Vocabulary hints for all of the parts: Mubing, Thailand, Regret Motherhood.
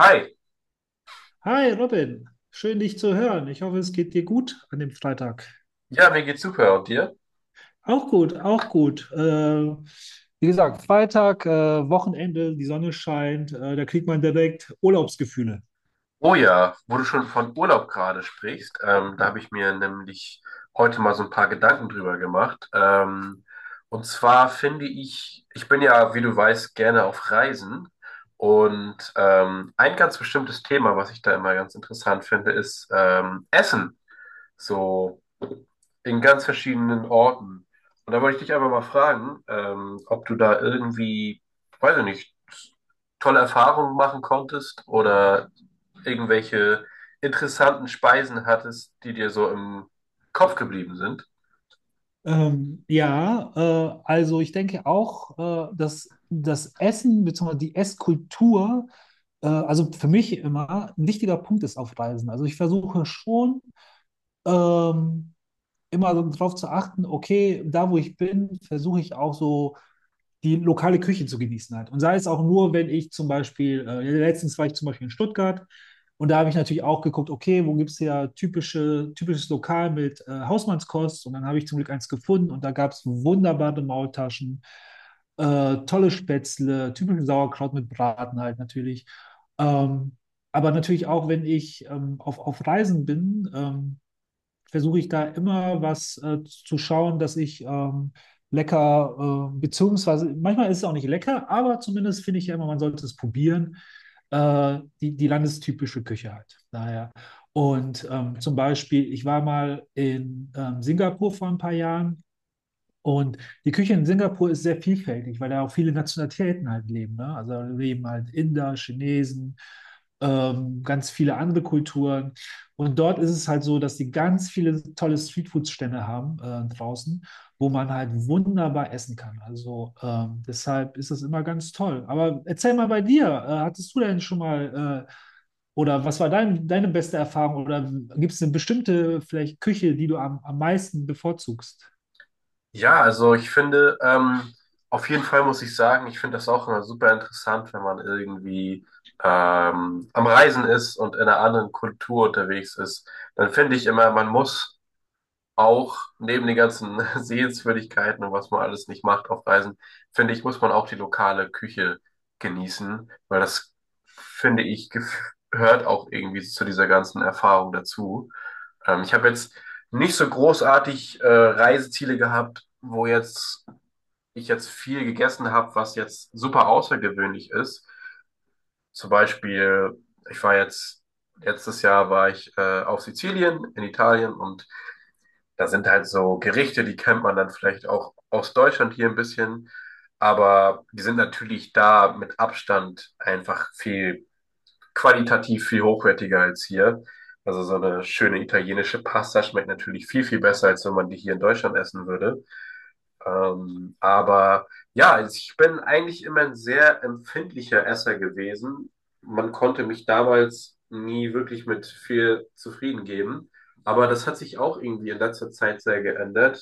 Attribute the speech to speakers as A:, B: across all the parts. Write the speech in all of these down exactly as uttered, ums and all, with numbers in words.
A: Hi,
B: Hi Robin, schön dich zu hören. Ich hoffe, es geht dir gut an dem Freitag.
A: ja, mir geht's super und dir?
B: Auch gut, auch gut. Äh, wie gesagt, Freitag, äh, Wochenende, die Sonne scheint, äh, da kriegt man direkt Urlaubsgefühle.
A: Oh ja, wo du schon von Urlaub gerade sprichst, ähm, da habe ich mir nämlich heute mal so ein paar Gedanken drüber gemacht. Ähm, und zwar finde ich, ich bin ja, wie du weißt, gerne auf Reisen. Und ähm, ein ganz bestimmtes Thema, was ich da immer ganz interessant finde, ist ähm, Essen. So in ganz verschiedenen Orten. Und da wollte ich dich einfach mal fragen, ähm, ob du da irgendwie, weiß ich nicht, tolle Erfahrungen machen konntest oder irgendwelche interessanten Speisen hattest, die dir so im Kopf geblieben sind.
B: Ähm, ja, äh, also ich denke auch, äh, dass das Essen bzw. die Esskultur, äh, also für mich immer ein wichtiger Punkt ist auf Reisen. Also ich versuche schon, ähm, immer darauf zu achten. Okay, da wo ich bin, versuche ich auch so die lokale Küche zu genießen halt. Und sei es auch nur, wenn ich zum Beispiel, äh, ja, letztens war ich zum Beispiel in Stuttgart und da habe ich natürlich auch geguckt, okay, wo gibt es ja typische, typisches Lokal mit äh, Hausmannskost, und dann habe ich zum Glück eins gefunden und da gab es wunderbare Maultaschen, äh, tolle Spätzle, typischen Sauerkraut mit Braten halt natürlich. Ähm, aber natürlich auch, wenn ich ähm, auf, auf Reisen bin, ähm, versuche ich da immer was äh, zu schauen, dass ich ähm, lecker, äh, beziehungsweise manchmal ist es auch nicht lecker, aber zumindest finde ich ja immer, man sollte es probieren, äh, die, die landestypische Küche halt. Daher. Und ähm, zum Beispiel, ich war mal in ähm, Singapur vor ein paar Jahren, und die Küche in Singapur ist sehr vielfältig, weil da auch viele Nationalitäten halt leben. Ne? Also da leben halt Inder, Chinesen, ähm, ganz viele andere Kulturen. Und dort ist es halt so, dass die ganz viele tolle Streetfood-Stände haben, äh, draußen, wo man halt wunderbar essen kann. Also ähm, deshalb ist das immer ganz toll. Aber erzähl mal bei dir, äh, hattest du denn schon mal äh, oder was war dein, deine beste Erfahrung, oder gibt es eine bestimmte vielleicht Küche, die du am, am meisten bevorzugst?
A: Ja, also ich finde, ähm, auf jeden Fall muss ich sagen, ich finde das auch immer super interessant, wenn man irgendwie ähm, am Reisen ist und in einer anderen Kultur unterwegs ist. Dann finde ich immer, man muss auch neben den ganzen Sehenswürdigkeiten und was man alles nicht macht auf Reisen, finde ich, muss man auch die lokale Küche genießen, weil das, finde ich, gef- gehört auch irgendwie zu dieser ganzen Erfahrung dazu. Ähm, ich habe jetzt nicht so großartig äh, Reiseziele gehabt, wo jetzt ich jetzt viel gegessen habe, was jetzt super außergewöhnlich ist. Zum Beispiel, ich war jetzt, letztes Jahr war ich äh, auf Sizilien in Italien und da sind halt so Gerichte, die kennt man dann vielleicht auch aus Deutschland hier ein bisschen, aber die sind natürlich da mit Abstand einfach viel qualitativ viel hochwertiger als hier. Also so eine schöne italienische Pasta schmeckt natürlich viel, viel besser, als wenn man die hier in Deutschland essen würde. Ähm, aber ja, also ich bin eigentlich immer ein sehr empfindlicher Esser gewesen. Man konnte mich damals nie wirklich mit viel zufrieden geben. Aber das hat sich auch irgendwie in letzter Zeit sehr geändert.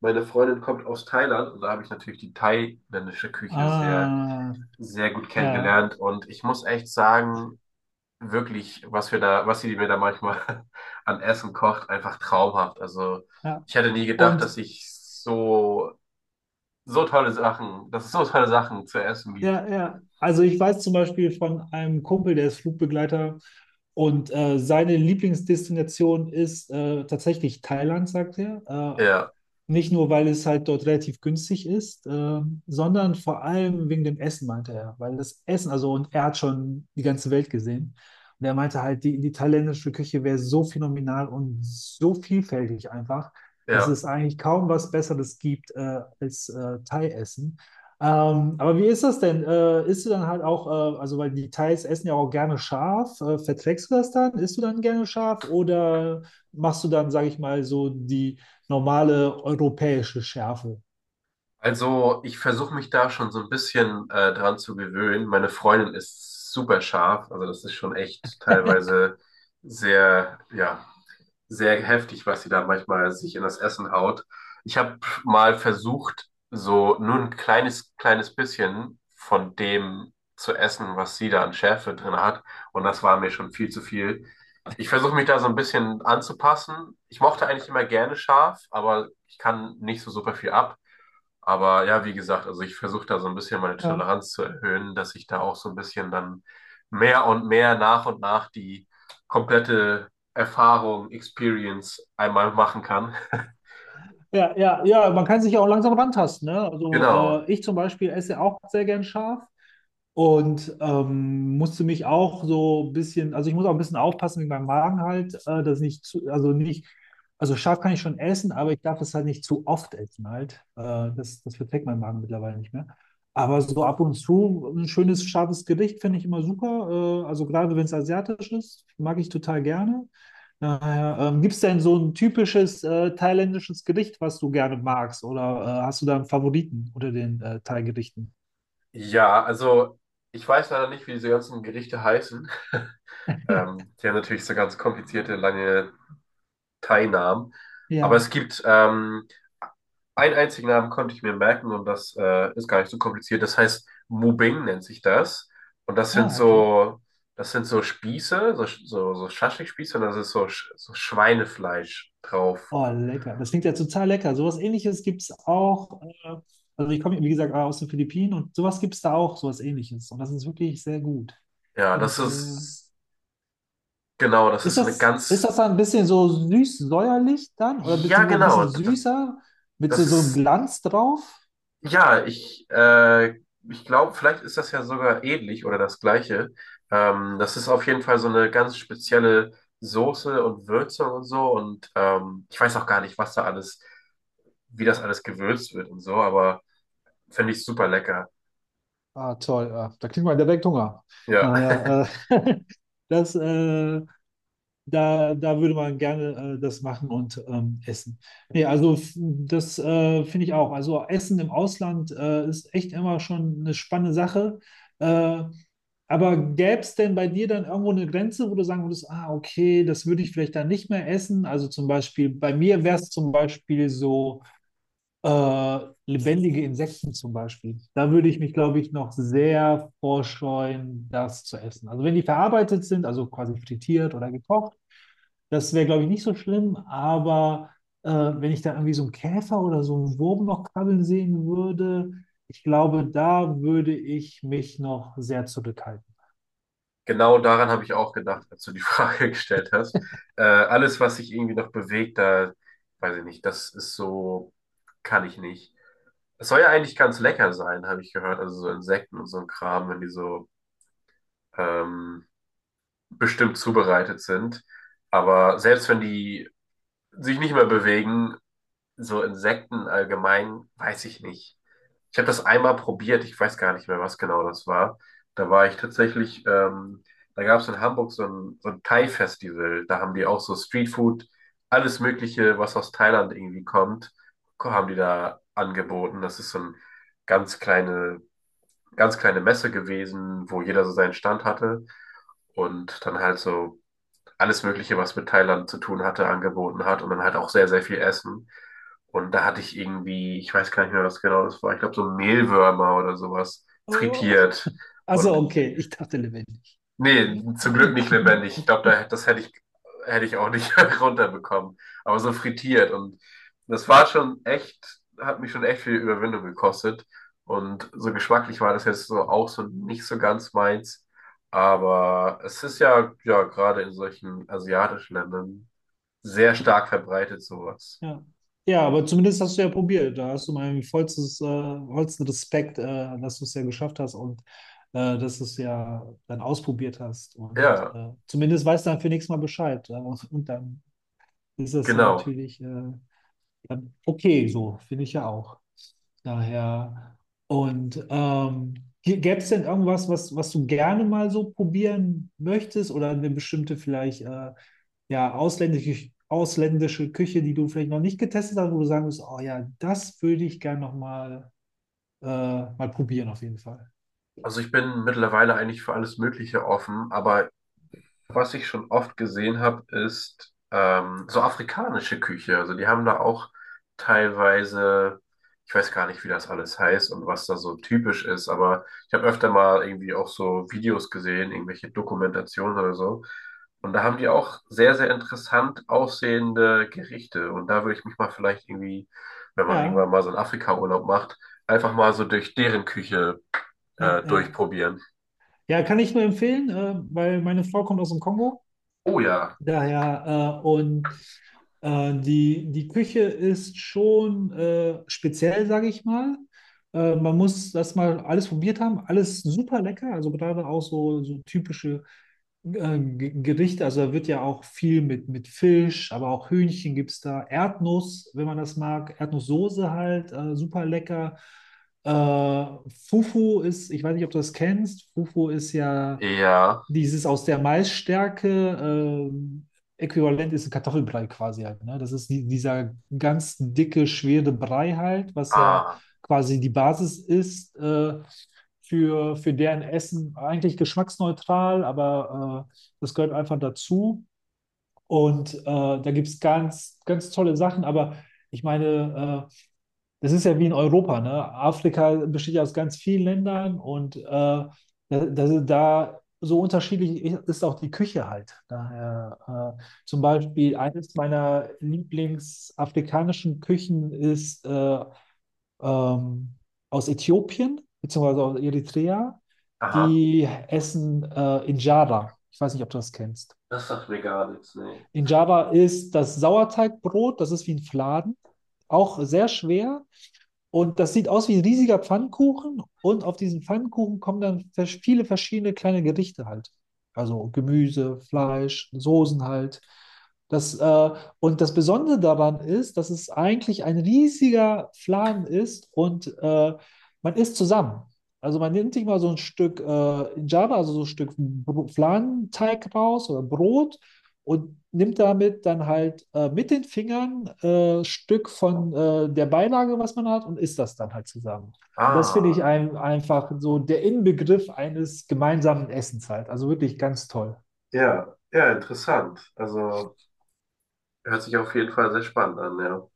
A: Meine Freundin kommt aus Thailand und da habe ich natürlich die thailändische Küche sehr,
B: Ah,
A: sehr gut
B: ja,
A: kennengelernt. Und ich muss echt sagen, wirklich, was wir da, was sie mir da manchmal an Essen kocht, einfach traumhaft. Also
B: ja.
A: ich hätte nie gedacht,
B: Und
A: dass ich so so tolle Sachen, dass es so tolle Sachen zu essen gibt.
B: ja, ja. Also ich weiß zum Beispiel von einem Kumpel, der ist Flugbegleiter, und äh, seine Lieblingsdestination ist äh, tatsächlich Thailand, sagt er. Äh,
A: Ja,
B: Nicht nur, weil es halt dort relativ günstig ist, ähm, sondern vor allem wegen dem Essen, meinte er. Weil das Essen, also, und er hat schon die ganze Welt gesehen. Und er meinte halt, die, die thailändische Küche wäre so phänomenal und so vielfältig einfach, dass
A: ja.
B: es eigentlich kaum was Besseres gibt äh, als äh, Thai-Essen. Ähm, aber wie ist das denn? Äh, isst du dann halt auch, äh, also, weil die Thais essen ja auch gerne scharf. Äh, verträgst du das dann? Isst du dann gerne scharf? Oder machst du dann, sage ich mal, so die normale europäische Schärfe?
A: Also ich versuche mich da schon so ein bisschen äh, dran zu gewöhnen. Meine Freundin ist super scharf, also das ist schon echt teilweise sehr, ja, sehr heftig, was sie da manchmal sich in das Essen haut. Ich habe mal versucht, so nur ein kleines, kleines bisschen von dem zu essen, was sie da an Schärfe drin hat. Und das war mir schon viel zu viel. Ich versuche mich da so ein bisschen anzupassen. Ich mochte eigentlich immer gerne scharf, aber ich kann nicht so super viel ab. Aber ja, wie gesagt, also ich versuche da so ein bisschen meine
B: Ja.
A: Toleranz zu erhöhen, dass ich da auch so ein bisschen dann mehr und mehr nach und nach die komplette Erfahrung, Experience einmal machen kann.
B: Ja, ja, ja, man kann sich ja auch langsam rantasten, ne? Also
A: Genau.
B: äh, ich zum Beispiel esse auch sehr gern scharf und ähm, musste mich auch so ein bisschen, also ich muss auch ein bisschen aufpassen mit meinem Magen halt, äh, dass nicht zu, also nicht, also scharf kann ich schon essen, aber ich darf es halt nicht zu oft essen halt. Äh, das, das verträgt mein Magen mittlerweile nicht mehr. Aber so ab und zu ein schönes, scharfes Gericht finde ich immer super. Äh, also gerade wenn es asiatisch ist, mag ich total gerne. Ja, ja. Ähm, gibt es denn so ein typisches äh, thailändisches Gericht, was du gerne magst? Oder äh, hast du da einen Favoriten unter den äh, Thai-Gerichten?
A: Ja, also ich weiß leider nicht, wie diese ganzen Gerichte heißen. Ähm, die haben natürlich so ganz komplizierte, lange keinen Namen. Aber
B: Ja.
A: es gibt ähm, einen einzigen Namen, konnte ich mir merken und das äh, ist gar nicht so kompliziert. Das heißt, Mubing nennt sich das. Und das sind
B: Ah, okay.
A: so, das sind so Spieße, so, so, so Schaschlikspieße und das ist so, Sch- so Schweinefleisch drauf.
B: Oh, lecker. Das klingt ja total lecker. Sowas Ähnliches gibt es auch. Äh, also ich komme, wie gesagt, aus den Philippinen, und sowas gibt es da auch, sowas Ähnliches. Und das ist wirklich sehr gut.
A: Ja,
B: Kann
A: das
B: ich, äh,
A: ist, genau, das ist
B: ist
A: so eine
B: das, ist
A: ganz,
B: das dann ein bisschen so süß-säuerlich dann? Oder ein
A: ja,
B: bisschen, ein
A: genau,
B: bisschen
A: das,
B: süßer? Mit so,
A: das
B: so einem
A: ist
B: Glanz drauf?
A: Ja, ich, äh, ich glaube, vielleicht ist das ja sogar ähnlich oder das Gleiche. Ähm, das ist auf jeden Fall so eine ganz spezielle Soße und Würzung und so. Und ähm, ich weiß auch gar nicht, was da alles, wie das alles gewürzt wird und so, aber finde ich super lecker.
B: Ah, toll. Ah, da kriegt man direkt Hunger.
A: Ja,
B: Naja, äh, das, äh, da, da würde man gerne äh, das machen und ähm, essen. Nee, also f- das äh, finde ich auch. Also Essen im Ausland äh, ist echt immer schon eine spannende Sache. Äh, aber gäbe es denn bei dir dann irgendwo eine Grenze, wo du sagen würdest, ah, okay, das würde ich vielleicht dann nicht mehr essen? Also zum Beispiel, bei mir wäre es zum Beispiel so. Äh, lebendige Insekten zum Beispiel. Da würde ich mich, glaube ich, noch sehr vorscheuen, das zu essen. Also wenn die verarbeitet sind, also quasi frittiert oder gekocht, das wäre, glaube ich, nicht so schlimm. Aber äh, wenn ich da irgendwie so einen Käfer oder so einen Wurm noch krabbeln sehen würde, ich glaube, da würde ich mich noch sehr zurückhalten.
A: genau daran habe ich auch gedacht, als du die Frage gestellt hast. Äh, alles, was sich irgendwie noch bewegt, da weiß ich nicht, das ist so, kann ich nicht. Es soll ja eigentlich ganz lecker sein, habe ich gehört. Also so Insekten und so ein Kram, wenn die so ähm, bestimmt zubereitet sind. Aber selbst wenn die sich nicht mehr bewegen, so Insekten allgemein, weiß ich nicht. Ich habe das einmal probiert, ich weiß gar nicht mehr, was genau das war. Da war ich tatsächlich, ähm, da gab es in Hamburg so ein, so ein Thai-Festival. Da haben die auch so Streetfood, alles Mögliche, was aus Thailand irgendwie kommt, haben die da angeboten. Das ist so ein ganz kleine, ganz kleine Messe gewesen, wo jeder so seinen Stand hatte und dann halt so alles Mögliche, was mit Thailand zu tun hatte, angeboten hat und dann halt auch sehr, sehr viel Essen. Und da hatte ich irgendwie, ich weiß gar nicht mehr, was genau das war, ich glaube so Mehlwürmer oder sowas
B: Oh,
A: frittiert.
B: also
A: Und
B: okay, ich dachte lebendig.
A: Nee, zum Glück nicht lebendig. Ich glaube, da, das hätte ich, hätte ich auch nicht runterbekommen. Aber so frittiert. Und das war schon echt, hat mich schon echt viel Überwindung gekostet. Und so geschmacklich war das jetzt so auch so nicht so ganz meins. Aber es ist ja, ja, gerade in solchen asiatischen Ländern sehr stark verbreitet, sowas.
B: Ja. Ja, aber zumindest hast du ja probiert. Da hast du meinen vollstes, äh, vollsten Respekt, äh, dass du es ja geschafft hast und äh, dass du es ja dann ausprobiert hast. Und
A: Ja,
B: äh, zumindest weißt du dann für nächstes Mal Bescheid. Äh, und dann ist das ja
A: genau.
B: natürlich äh, dann okay, so finde ich ja auch. Daher. Und ähm, gäbe es denn irgendwas, was, was du gerne mal so probieren möchtest, oder eine bestimmte vielleicht äh, ja, ausländische, ausländische Küche, die du vielleicht noch nicht getestet hast, wo du sagen musst, oh ja, das würde ich gerne nochmal äh, mal probieren, auf jeden Fall.
A: Also ich bin mittlerweile eigentlich für alles Mögliche offen, aber was ich schon oft gesehen habe, ist ähm, so afrikanische Küche. Also die haben da auch teilweise, ich weiß gar nicht, wie das alles heißt und was da so typisch ist, aber ich habe öfter mal irgendwie auch so Videos gesehen, irgendwelche Dokumentationen oder so. Und da haben die auch sehr, sehr interessant aussehende Gerichte. Und da würde ich mich mal vielleicht irgendwie, wenn man
B: Ja,
A: irgendwann mal so einen Afrika-Urlaub macht, einfach mal so durch deren Küche
B: ja,
A: äh,
B: ja.
A: durchprobieren.
B: Ja, kann ich nur empfehlen, äh, weil meine Frau kommt aus dem Kongo.
A: Oh ja.
B: Daher, äh, und äh, die, die Küche ist schon äh, speziell, sage ich mal. Äh, man muss das mal alles probiert haben, alles super lecker. Also gerade auch so, so typische äh, G- Gerichte, also da wird ja auch viel mit, mit Fisch, aber auch Hühnchen gibt es da. Erdnuss, wenn man das mag. Erdnusssoße halt, äh, super lecker. Äh, Fufu ist, ich weiß nicht, ob du das kennst. Fufu ist ja
A: Ja.
B: dieses aus der Maisstärke. Äh, Äquivalent ist ein Kartoffelbrei quasi halt. Ne? Das ist die, dieser ganz dicke, schwere Brei halt, was ja
A: Ah.
B: quasi die Basis ist. Äh, für, für deren Essen eigentlich geschmacksneutral, aber äh, das gehört einfach dazu. Und äh, da gibt es ganz, ganz tolle Sachen, aber ich meine, äh, das ist ja wie in Europa, ne? Afrika besteht ja aus ganz vielen Ländern, und äh, da, da, da so unterschiedlich ist auch die Küche halt. Daher, äh, zum Beispiel eines meiner Lieblingsafrikanischen Küchen ist äh, ähm, aus Äthiopien, beziehungsweise aus Eritrea.
A: Aha.
B: Die essen äh, Injera. Ich weiß nicht, ob du das kennst.
A: Das sagt mir gar nichts, nee.
B: In Java ist das Sauerteigbrot, das ist wie ein Fladen, auch sehr schwer. Und das sieht aus wie ein riesiger Pfannkuchen. Und auf diesen Pfannkuchen kommen dann vers- viele verschiedene kleine Gerichte halt. Also Gemüse, Fleisch, Soßen halt. Das, äh, und das Besondere daran ist, dass es eigentlich ein riesiger Fladen ist, und äh, man isst zusammen. Also man nimmt sich mal so ein Stück äh, in Java, also so ein Stück Br- Fladenteig raus oder Brot und nimmt damit dann halt äh, mit den Fingern äh, Stück von äh, der Beilage, was man hat, und isst das dann halt zusammen. Und das finde
A: Ah,
B: ich ein, einfach so der Inbegriff eines gemeinsamen Essens halt. Also wirklich ganz toll.
A: ja, ja, interessant. Also hört sich auf jeden Fall sehr spannend an, ja.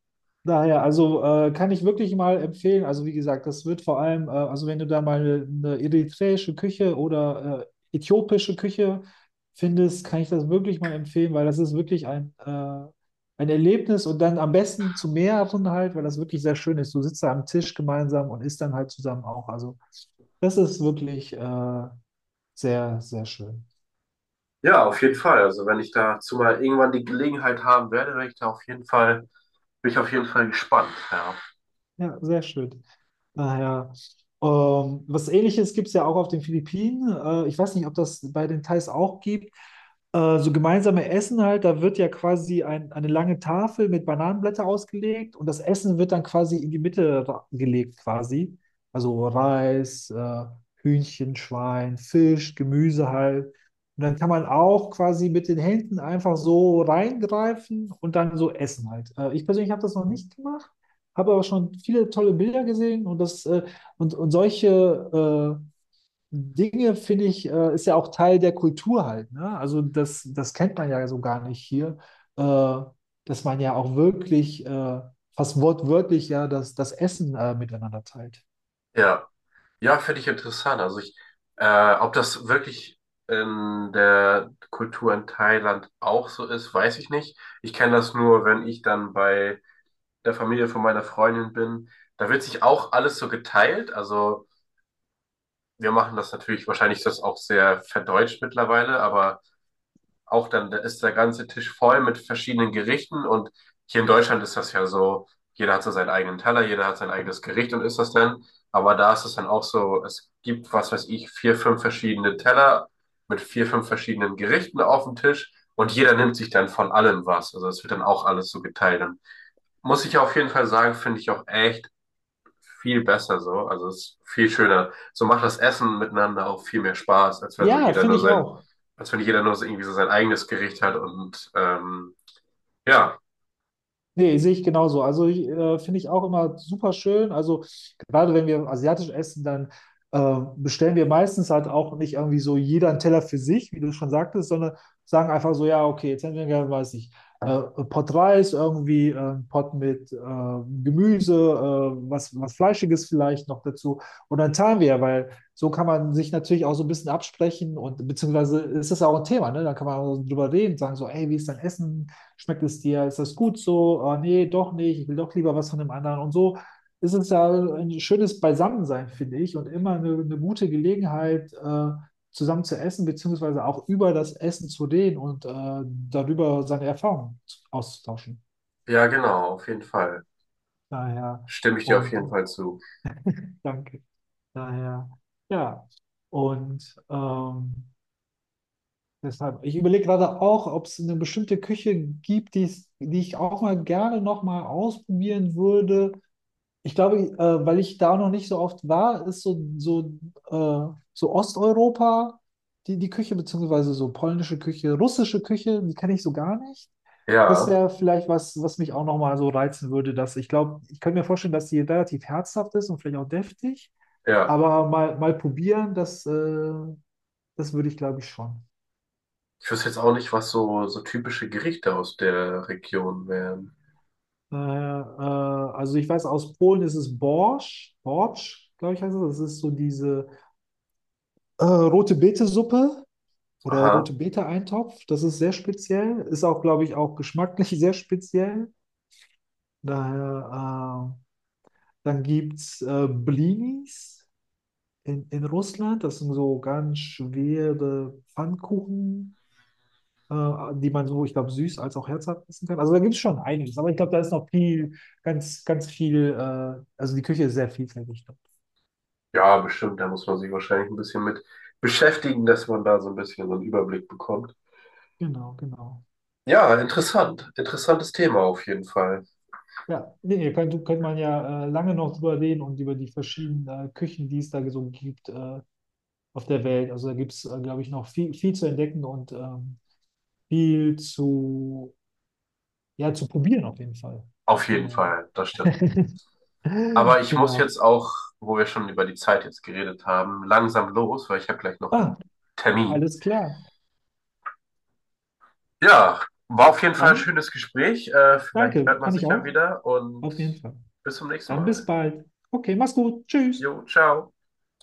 B: Daher, also äh, kann ich wirklich mal empfehlen. Also wie gesagt, das wird vor allem, äh, also wenn du da mal eine, eine eritreische Küche oder äh, äthiopische Küche findest, kann ich das wirklich mal empfehlen, weil das ist wirklich ein, äh, ein Erlebnis, und dann am besten zu mehreren halt, weil das wirklich sehr schön ist. Du sitzt da am Tisch gemeinsam und isst dann halt zusammen auch. Also das ist wirklich äh, sehr, sehr schön.
A: Ja, auf jeden Fall. Also wenn ich dazu mal irgendwann die Gelegenheit haben werde, werde ich da auf jeden Fall, bin ich auf jeden Fall gespannt, ja.
B: Ja, sehr schön. Naja, ähm, was Ähnliches gibt es ja auch auf den Philippinen. Äh, ich weiß nicht, ob das bei den Thais auch gibt. Äh, so gemeinsame Essen halt, da wird ja quasi ein, eine lange Tafel mit Bananenblätter ausgelegt und das Essen wird dann quasi in die Mitte ra- gelegt quasi. Also Reis, äh, Hühnchen, Schwein, Fisch, Gemüse halt. Und dann kann man auch quasi mit den Händen einfach so reingreifen und dann so essen halt. Äh, ich persönlich habe das noch nicht gemacht, habe aber schon viele tolle Bilder gesehen, und das äh, und, und solche äh, Dinge finde ich, äh, ist ja auch Teil der Kultur halt. Ne? Also das, das kennt man ja so gar nicht hier, äh, dass man ja auch wirklich äh, fast wortwörtlich ja das, das Essen äh, miteinander teilt.
A: Ja, ja, finde ich interessant. Also ich, äh, ob das wirklich in der Kultur in Thailand auch so ist, weiß ich nicht. Ich kenne das nur, wenn ich dann bei der Familie von meiner Freundin bin. Da wird sich auch alles so geteilt. Also wir machen das natürlich, wahrscheinlich ist das auch sehr verdeutscht mittlerweile, aber auch dann da ist der ganze Tisch voll mit verschiedenen Gerichten und hier in Deutschland ist das ja so, jeder hat so seinen eigenen Teller, jeder hat sein eigenes Gericht und isst das dann. Aber da ist es dann auch so, es gibt, was weiß ich, vier, fünf verschiedene Teller mit vier, fünf verschiedenen Gerichten auf dem Tisch und jeder nimmt sich dann von allem was. Also es wird dann auch alles so geteilt. Und muss ich auf jeden Fall sagen, finde ich auch echt viel besser so. Also es ist viel schöner. So macht das Essen miteinander auch viel mehr Spaß, als wenn so
B: Ja,
A: jeder
B: finde
A: nur
B: ich
A: sein,
B: auch.
A: als wenn jeder nur so irgendwie so sein eigenes Gericht hat und ähm, ja,
B: Nee, sehe ich genauso. Also ich, äh, finde ich auch immer super schön. Also gerade wenn wir asiatisch essen, dann äh, bestellen wir meistens halt auch nicht irgendwie so jeder einen Teller für sich, wie du schon sagtest, sondern sagen einfach so, ja, okay, jetzt hätten wir gerne, weiß ich, äh, Pot Reis, irgendwie äh, einen Pot mit äh, Gemüse, äh, was, was Fleischiges vielleicht noch dazu. Und dann teilen wir, ja, weil so kann man sich natürlich auch so ein bisschen absprechen, und beziehungsweise ist das ja auch ein Thema, ne? Dann kann man auch drüber reden, sagen so, ey, wie ist dein Essen? Schmeckt es dir? Ist das gut so? Oh, nee, doch nicht. Ich will doch lieber was von dem anderen. Und so ist es ja ein schönes Beisammensein, finde ich, und immer eine, eine gute Gelegenheit, äh, zusammen zu essen, beziehungsweise auch über das Essen zu reden und äh, darüber seine Erfahrungen auszutauschen.
A: ja, genau, auf jeden Fall.
B: Daher.
A: Stimme ich dir auf
B: Und
A: jeden
B: äh,
A: Fall zu.
B: danke. Daher, ja. Und ähm, deshalb, ich überlege gerade auch, ob es eine bestimmte Küche gibt, die es- die ich auch mal gerne nochmal ausprobieren würde. Ich glaube, äh, weil ich da noch nicht so oft war, ist so, so, äh, so Osteuropa die, die Küche, beziehungsweise so polnische Küche, russische Küche, die kenne ich so gar nicht. Das
A: Ja,
B: wäre vielleicht was, was mich auch nochmal so reizen würde. Dass ich glaube, ich könnte mir vorstellen, dass die relativ herzhaft ist und vielleicht auch deftig,
A: ja.
B: aber mal, mal probieren, das, äh, das würde ich, glaube ich, schon.
A: Ich wüsste jetzt auch nicht, was so, so typische Gerichte aus der Region wären.
B: Äh, äh, also ich weiß, aus Polen ist es Borsch, Borsch, glaube ich heißt es. Das ist so diese äh, rote Beete-Suppe. Oder
A: Aha.
B: rote Bete-Eintopf, das ist sehr speziell, ist auch, glaube ich, auch geschmacklich sehr speziell. Daher, äh, dann gibt es äh, Blinis in, in Russland, das sind so ganz schwere Pfannkuchen, äh, die man so, ich glaube, süß als auch herzhaft essen kann. Also da gibt es schon einiges, aber ich glaube, da ist noch viel, ganz, ganz viel, äh, also die Küche ist sehr vielfältig dort.
A: Ja, bestimmt. Da muss man sich wahrscheinlich ein bisschen mit beschäftigen, dass man da so ein bisschen so einen Überblick bekommt.
B: Genau, genau.
A: Ja, interessant. Interessantes Thema auf jeden Fall.
B: Ja, nee, nee, könnte, könnte man ja äh, lange noch drüber reden und über die verschiedenen äh, Küchen, die es da so gibt, äh, auf der Welt. Also da gibt es, glaube ich, noch viel, viel zu entdecken und ähm, viel zu, ja, zu probieren auf jeden Fall.
A: Auf jeden
B: Naja.
A: Fall, das stimmt. Aber ich muss
B: Genau.
A: jetzt auch, wo wir schon über die Zeit jetzt geredet haben, langsam los, weil ich habe gleich noch einen
B: Ah,
A: Termin.
B: alles klar.
A: Ja, war auf jeden Fall ein
B: Dann
A: schönes Gespräch. Äh, vielleicht
B: danke,
A: hört man
B: kann ich
A: sich ja
B: auch.
A: wieder und
B: Auf jeden Fall.
A: bis zum nächsten
B: Dann bis
A: Mal.
B: bald. Okay, mach's gut. Tschüss.
A: Jo, ciao.